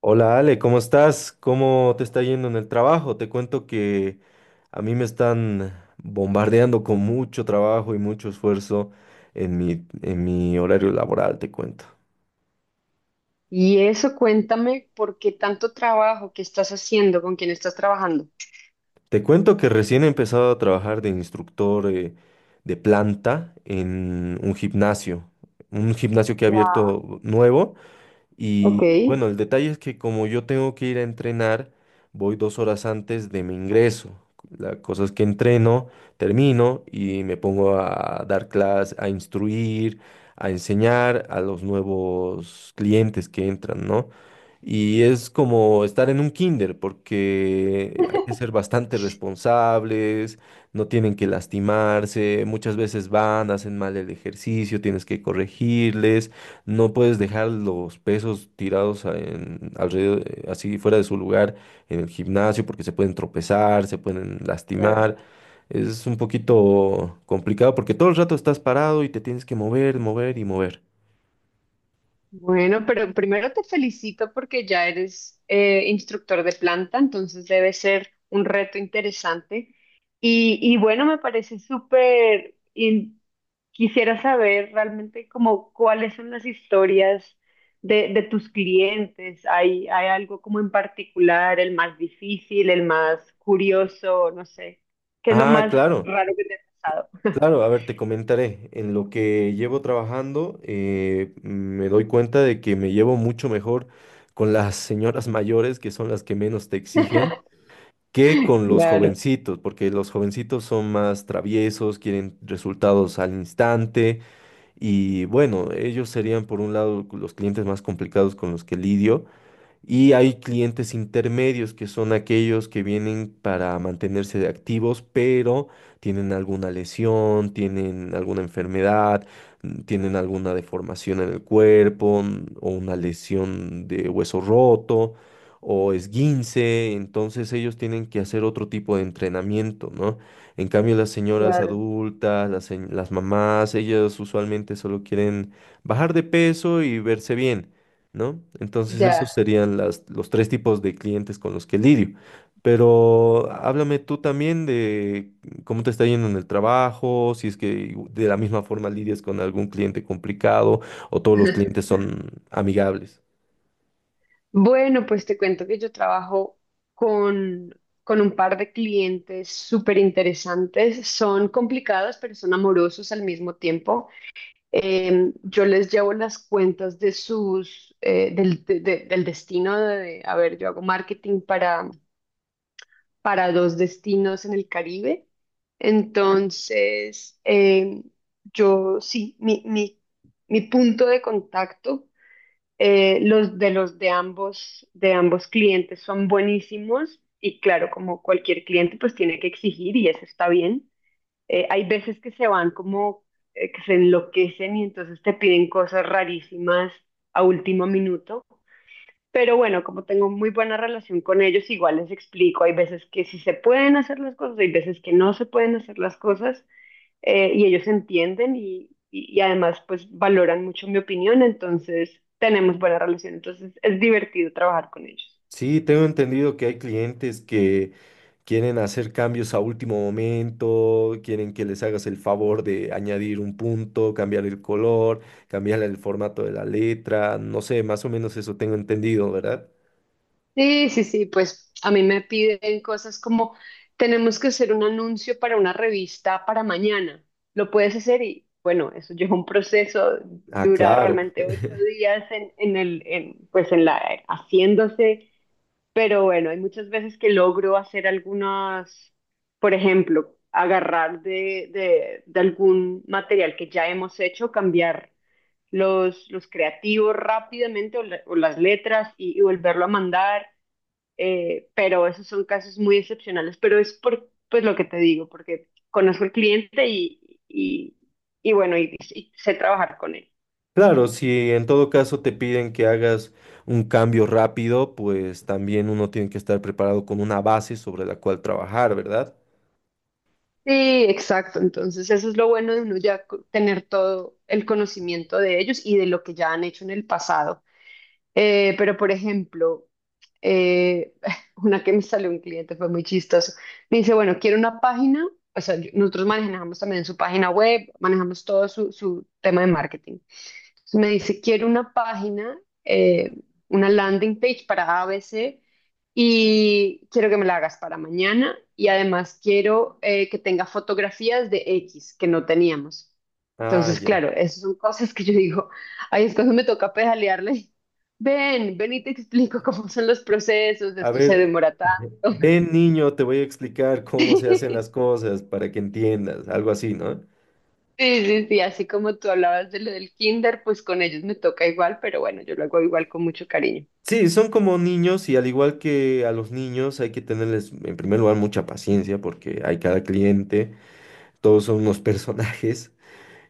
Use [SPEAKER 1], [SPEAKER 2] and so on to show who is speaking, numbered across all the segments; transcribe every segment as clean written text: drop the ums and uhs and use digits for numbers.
[SPEAKER 1] Hola Ale, ¿cómo estás? ¿Cómo te está yendo en el trabajo? Te cuento que a mí me están bombardeando con mucho trabajo y mucho esfuerzo en mi horario laboral, te cuento.
[SPEAKER 2] Y eso, cuéntame por qué tanto trabajo, qué estás haciendo, con quién estás trabajando.
[SPEAKER 1] Te cuento que recién he empezado a trabajar de instructor de planta en un gimnasio que ha
[SPEAKER 2] Wow.
[SPEAKER 1] abierto nuevo.
[SPEAKER 2] Ok.
[SPEAKER 1] Y bueno, el detalle es que como yo tengo que ir a entrenar, voy dos horas antes de mi ingreso. La cosa es que entreno, termino y me pongo a dar clases, a instruir, a enseñar a los nuevos clientes que entran, ¿no? Y es como estar en un kinder porque hay que ser bastante responsables, no tienen que lastimarse, muchas veces van, hacen mal el ejercicio, tienes que corregirles. No puedes dejar los pesos tirados alrededor, así fuera de su lugar en el gimnasio porque se pueden tropezar, se pueden lastimar. Es un poquito complicado porque todo el rato estás parado y te tienes que mover, mover y mover.
[SPEAKER 2] Bueno, pero primero te felicito porque ya eres instructor de planta, entonces debe ser un reto interesante. Y bueno, me parece súper... Quisiera saber realmente como cuáles son las historias de tus clientes. ¿Hay algo como en particular, el más difícil, el más curioso, no sé? ¿Qué es lo
[SPEAKER 1] Ah,
[SPEAKER 2] más
[SPEAKER 1] claro,
[SPEAKER 2] raro que te ha pasado?
[SPEAKER 1] claro. A ver, te comentaré. En lo que llevo trabajando, me doy cuenta de que me llevo mucho mejor con las señoras mayores, que son las que menos te exigen, que con los
[SPEAKER 2] Claro,
[SPEAKER 1] jovencitos, porque los jovencitos son más traviesos, quieren resultados al instante y bueno, ellos serían por un lado los clientes más complicados con los que lidio. Y hay clientes intermedios que son aquellos que vienen para mantenerse activos, pero tienen alguna lesión, tienen alguna enfermedad, tienen alguna deformación en el cuerpo o una lesión de hueso roto o esguince. Entonces ellos tienen que hacer otro tipo de entrenamiento, ¿no? En cambio, las señoras
[SPEAKER 2] claro,
[SPEAKER 1] adultas, las mamás, ellas usualmente solo quieren bajar de peso y verse bien, ¿no? Entonces esos
[SPEAKER 2] ya.
[SPEAKER 1] serían los tres tipos de clientes con los que lidio. Pero háblame tú también de cómo te está yendo en el trabajo, si es que de la misma forma lidias con algún cliente complicado o todos los clientes son amigables.
[SPEAKER 2] Bueno, pues te cuento que yo trabajo con un par de clientes súper interesantes. Son complicados, pero son amorosos al mismo tiempo. Yo les llevo las cuentas de sus, del destino de, a ver, yo hago marketing para dos destinos en el Caribe. Entonces, yo sí, mi punto de contacto los de ambos clientes son buenísimos y claro, como cualquier cliente, pues tiene que exigir y eso está bien. Hay veces que se van como que se enloquecen y entonces te piden cosas rarísimas a último minuto, pero bueno, como tengo muy buena relación con ellos, igual les explico, hay veces que sí se pueden hacer las cosas, hay veces que no se pueden hacer las cosas, y ellos entienden y además pues valoran mucho mi opinión, entonces tenemos buena relación, entonces es divertido trabajar con ellos.
[SPEAKER 1] Sí, tengo entendido que hay clientes que quieren hacer cambios a último momento, quieren que les hagas el favor de añadir un punto, cambiar el color, cambiar el formato de la letra, no sé, más o menos eso tengo entendido, ¿verdad?
[SPEAKER 2] Sí, sí, sí, pues a mí me piden cosas como tenemos que hacer un anuncio para una revista para mañana. ¿Lo puedes hacer? Y bueno, eso lleva un proceso,
[SPEAKER 1] Ah,
[SPEAKER 2] dura
[SPEAKER 1] claro.
[SPEAKER 2] realmente ocho días pues en la, haciéndose, pero bueno, hay muchas veces que logro hacer algunas, por ejemplo, agarrar de algún material que ya hemos hecho, cambiar los creativos rápidamente o, o las letras y volverlo a mandar, pero esos son casos muy excepcionales, pero es por pues lo que te digo, porque conozco el cliente y, y bueno, y sé trabajar con él.
[SPEAKER 1] Claro, si en todo caso te piden que hagas un cambio rápido, pues también uno tiene que estar preparado con una base sobre la cual trabajar, ¿verdad?
[SPEAKER 2] Sí, exacto. Entonces, eso es lo bueno de uno ya tener todo el conocimiento de ellos y de lo que ya han hecho en el pasado. Pero, por ejemplo, eh, una que me salió un cliente fue muy chistoso. Me dice, bueno, quiero una página. O sea, nosotros manejamos también su página web, manejamos todo su, su tema de marketing. Entonces me dice, quiero una página, eh, una landing page para ABC y quiero que me la hagas para mañana y además quiero que tenga fotografías de X que no teníamos.
[SPEAKER 1] Ah,
[SPEAKER 2] Entonces,
[SPEAKER 1] ya.
[SPEAKER 2] claro, esas son cosas que yo digo, ahí es cuando me toca pedalearle. Ven, ven y te explico cómo son los procesos,
[SPEAKER 1] A
[SPEAKER 2] esto se
[SPEAKER 1] ver,
[SPEAKER 2] demora tanto.
[SPEAKER 1] ven niño, te voy a explicar cómo se hacen las cosas para que entiendas, algo así, ¿no?
[SPEAKER 2] Sí, sí, sí, así como tú hablabas de lo del kinder, pues con ellos me toca igual, pero bueno, yo lo hago igual con mucho cariño.
[SPEAKER 1] Sí, son como niños y al igual que a los niños hay que tenerles en primer lugar mucha paciencia porque hay cada cliente, todos son unos personajes.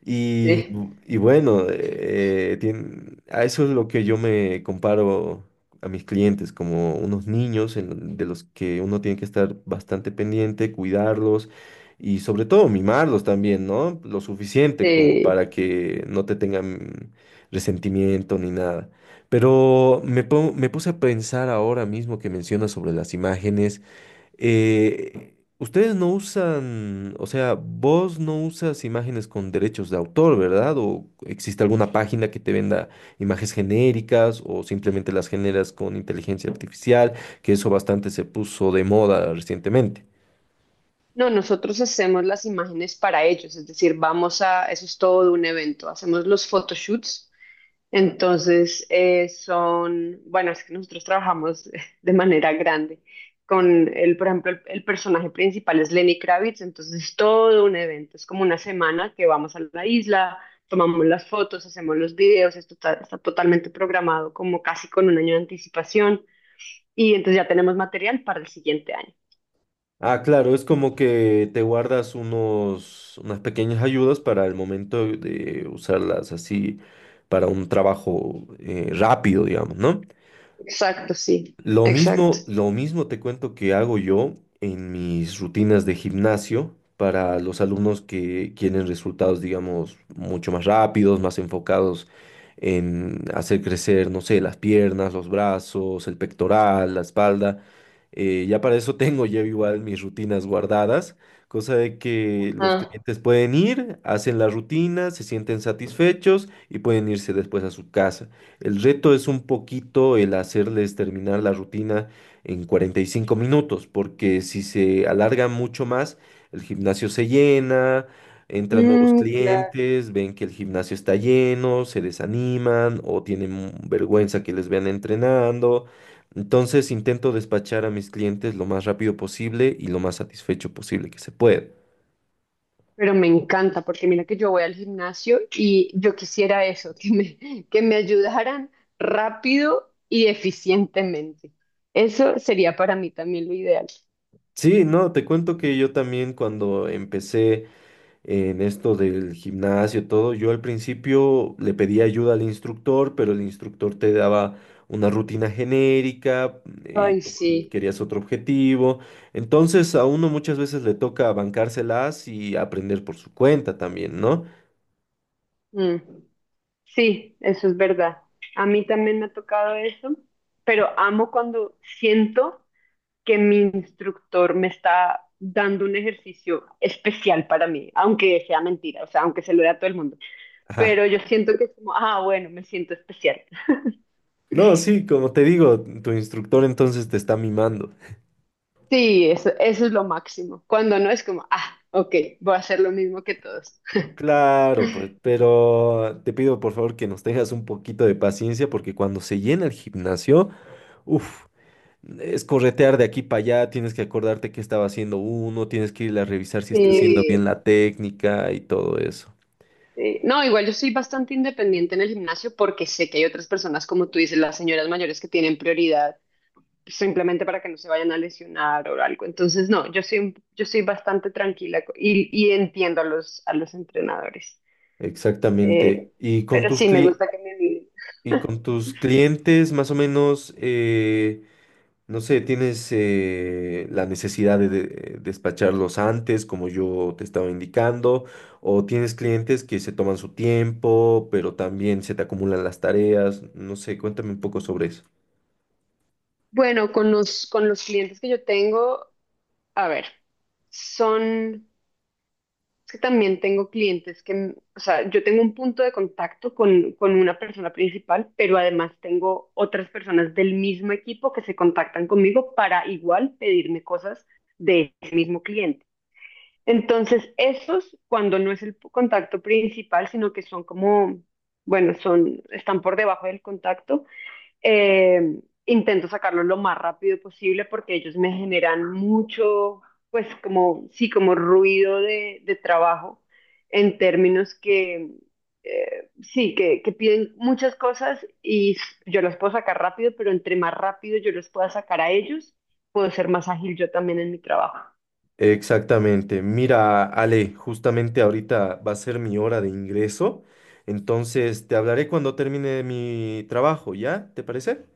[SPEAKER 1] Y,
[SPEAKER 2] Sí.
[SPEAKER 1] y bueno, a eso es lo que yo me comparo a mis clientes, como unos niños de los que uno tiene que estar bastante pendiente, cuidarlos y sobre todo mimarlos también, ¿no? Lo suficiente como
[SPEAKER 2] Eh,
[SPEAKER 1] para que no te tengan resentimiento ni nada. Pero me puse a pensar ahora mismo que mencionas sobre las imágenes. Ustedes no usan, o sea, vos no usas imágenes con derechos de autor, ¿verdad? ¿O existe alguna página que te venda imágenes genéricas o simplemente las generas con inteligencia artificial? Que eso bastante se puso de moda recientemente.
[SPEAKER 2] no, nosotros hacemos las imágenes para ellos, es decir, vamos a, eso es todo un evento, hacemos los photoshoots, entonces son, bueno, es que nosotros trabajamos de manera grande con el, por ejemplo, el personaje principal es Lenny Kravitz, entonces es todo un evento, es como una semana que vamos a la isla, tomamos las fotos, hacemos los videos, esto está, está totalmente programado como casi con un año de anticipación y entonces ya tenemos material para el siguiente año.
[SPEAKER 1] Ah, claro, es como que te guardas unos, unas pequeñas ayudas para el momento de usarlas así para un trabajo rápido, digamos, ¿no?
[SPEAKER 2] Exacto, sí, exacto.
[SPEAKER 1] Lo mismo te cuento que hago yo en mis rutinas de gimnasio para los alumnos que quieren resultados, digamos, mucho más rápidos, más enfocados en hacer crecer, no sé, las piernas, los brazos, el pectoral, la espalda. Ya para eso tengo yo igual mis rutinas guardadas, cosa de que los
[SPEAKER 2] Ajá.
[SPEAKER 1] clientes pueden ir, hacen la rutina, se sienten satisfechos y pueden irse después a su casa. El reto es un poquito el hacerles terminar la rutina en 45 minutos, porque si se alarga mucho más, el gimnasio se llena, entran nuevos
[SPEAKER 2] Mm, claro.
[SPEAKER 1] clientes, ven que el gimnasio está lleno, se desaniman o tienen vergüenza que les vean entrenando. Entonces intento despachar a mis clientes lo más rápido posible y lo más satisfecho posible que se pueda.
[SPEAKER 2] Pero me encanta porque mira que yo voy al gimnasio y yo quisiera eso, que me ayudaran rápido y eficientemente. Eso sería para mí también lo ideal.
[SPEAKER 1] Sí, no, te cuento que yo también cuando empecé en esto del gimnasio, todo, yo al principio le pedí ayuda al instructor, pero el instructor te daba una rutina genérica, y
[SPEAKER 2] Ay,
[SPEAKER 1] tú
[SPEAKER 2] sí.
[SPEAKER 1] querías otro objetivo. Entonces a uno muchas veces le toca bancárselas y aprender por su cuenta también, ¿no?
[SPEAKER 2] Mm. Sí, eso es verdad. A mí también me ha tocado eso, pero amo cuando siento que mi instructor me está dando un ejercicio especial para mí, aunque sea mentira, o sea, aunque se lo dé a todo el mundo.
[SPEAKER 1] Ajá.
[SPEAKER 2] Pero yo siento que es como, ah, bueno, me siento especial.
[SPEAKER 1] No, sí, como te digo, tu instructor entonces te está mimando.
[SPEAKER 2] Sí, eso es lo máximo. Cuando no es como, ah, ok, voy a hacer lo mismo que todos.
[SPEAKER 1] Claro, pues, pero te pido por favor que nos tengas un poquito de paciencia porque cuando se llena el gimnasio, uff. Es corretear de aquí para allá, tienes que acordarte qué estaba haciendo uno, tienes que ir a revisar si está haciendo bien
[SPEAKER 2] Sí.
[SPEAKER 1] la técnica y todo eso.
[SPEAKER 2] Sí. No, igual yo soy bastante independiente en el gimnasio porque sé que hay otras personas, como tú dices, las señoras mayores que tienen prioridad simplemente para que no se vayan a lesionar o algo. Entonces, no, yo soy, yo soy bastante tranquila y entiendo a los entrenadores.
[SPEAKER 1] Exactamente.
[SPEAKER 2] Eh, pero sí, me gusta que me miren.
[SPEAKER 1] Y con tus clientes, más o menos, no sé, tienes la necesidad de despacharlos antes, como yo te estaba indicando, o tienes clientes que se toman su tiempo, pero también se te acumulan las tareas. No sé, cuéntame un poco sobre eso.
[SPEAKER 2] Bueno, con los clientes que yo tengo, a ver, son, es que también tengo clientes que, o sea, yo tengo un punto de contacto con una persona principal, pero además tengo otras personas del mismo equipo que se contactan conmigo para igual pedirme cosas de ese mismo cliente. Entonces, esos, cuando no es el contacto principal, sino que son como, bueno, son, están por debajo del contacto, eh, intento sacarlos lo más rápido posible porque ellos me generan mucho, pues como, sí, como ruido de trabajo en términos que, sí, que piden muchas cosas y yo las puedo sacar rápido, pero entre más rápido yo los pueda sacar a ellos, puedo ser más ágil yo también en mi trabajo.
[SPEAKER 1] Exactamente. Mira, Ale, justamente ahorita va a ser mi hora de ingreso, entonces te hablaré cuando termine mi trabajo, ¿ya? ¿Te parece?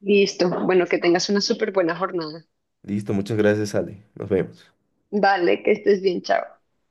[SPEAKER 2] Listo. Bueno, que tengas una súper buena jornada.
[SPEAKER 1] Listo, muchas gracias, Ale. Nos vemos.
[SPEAKER 2] Vale, que estés bien, chao.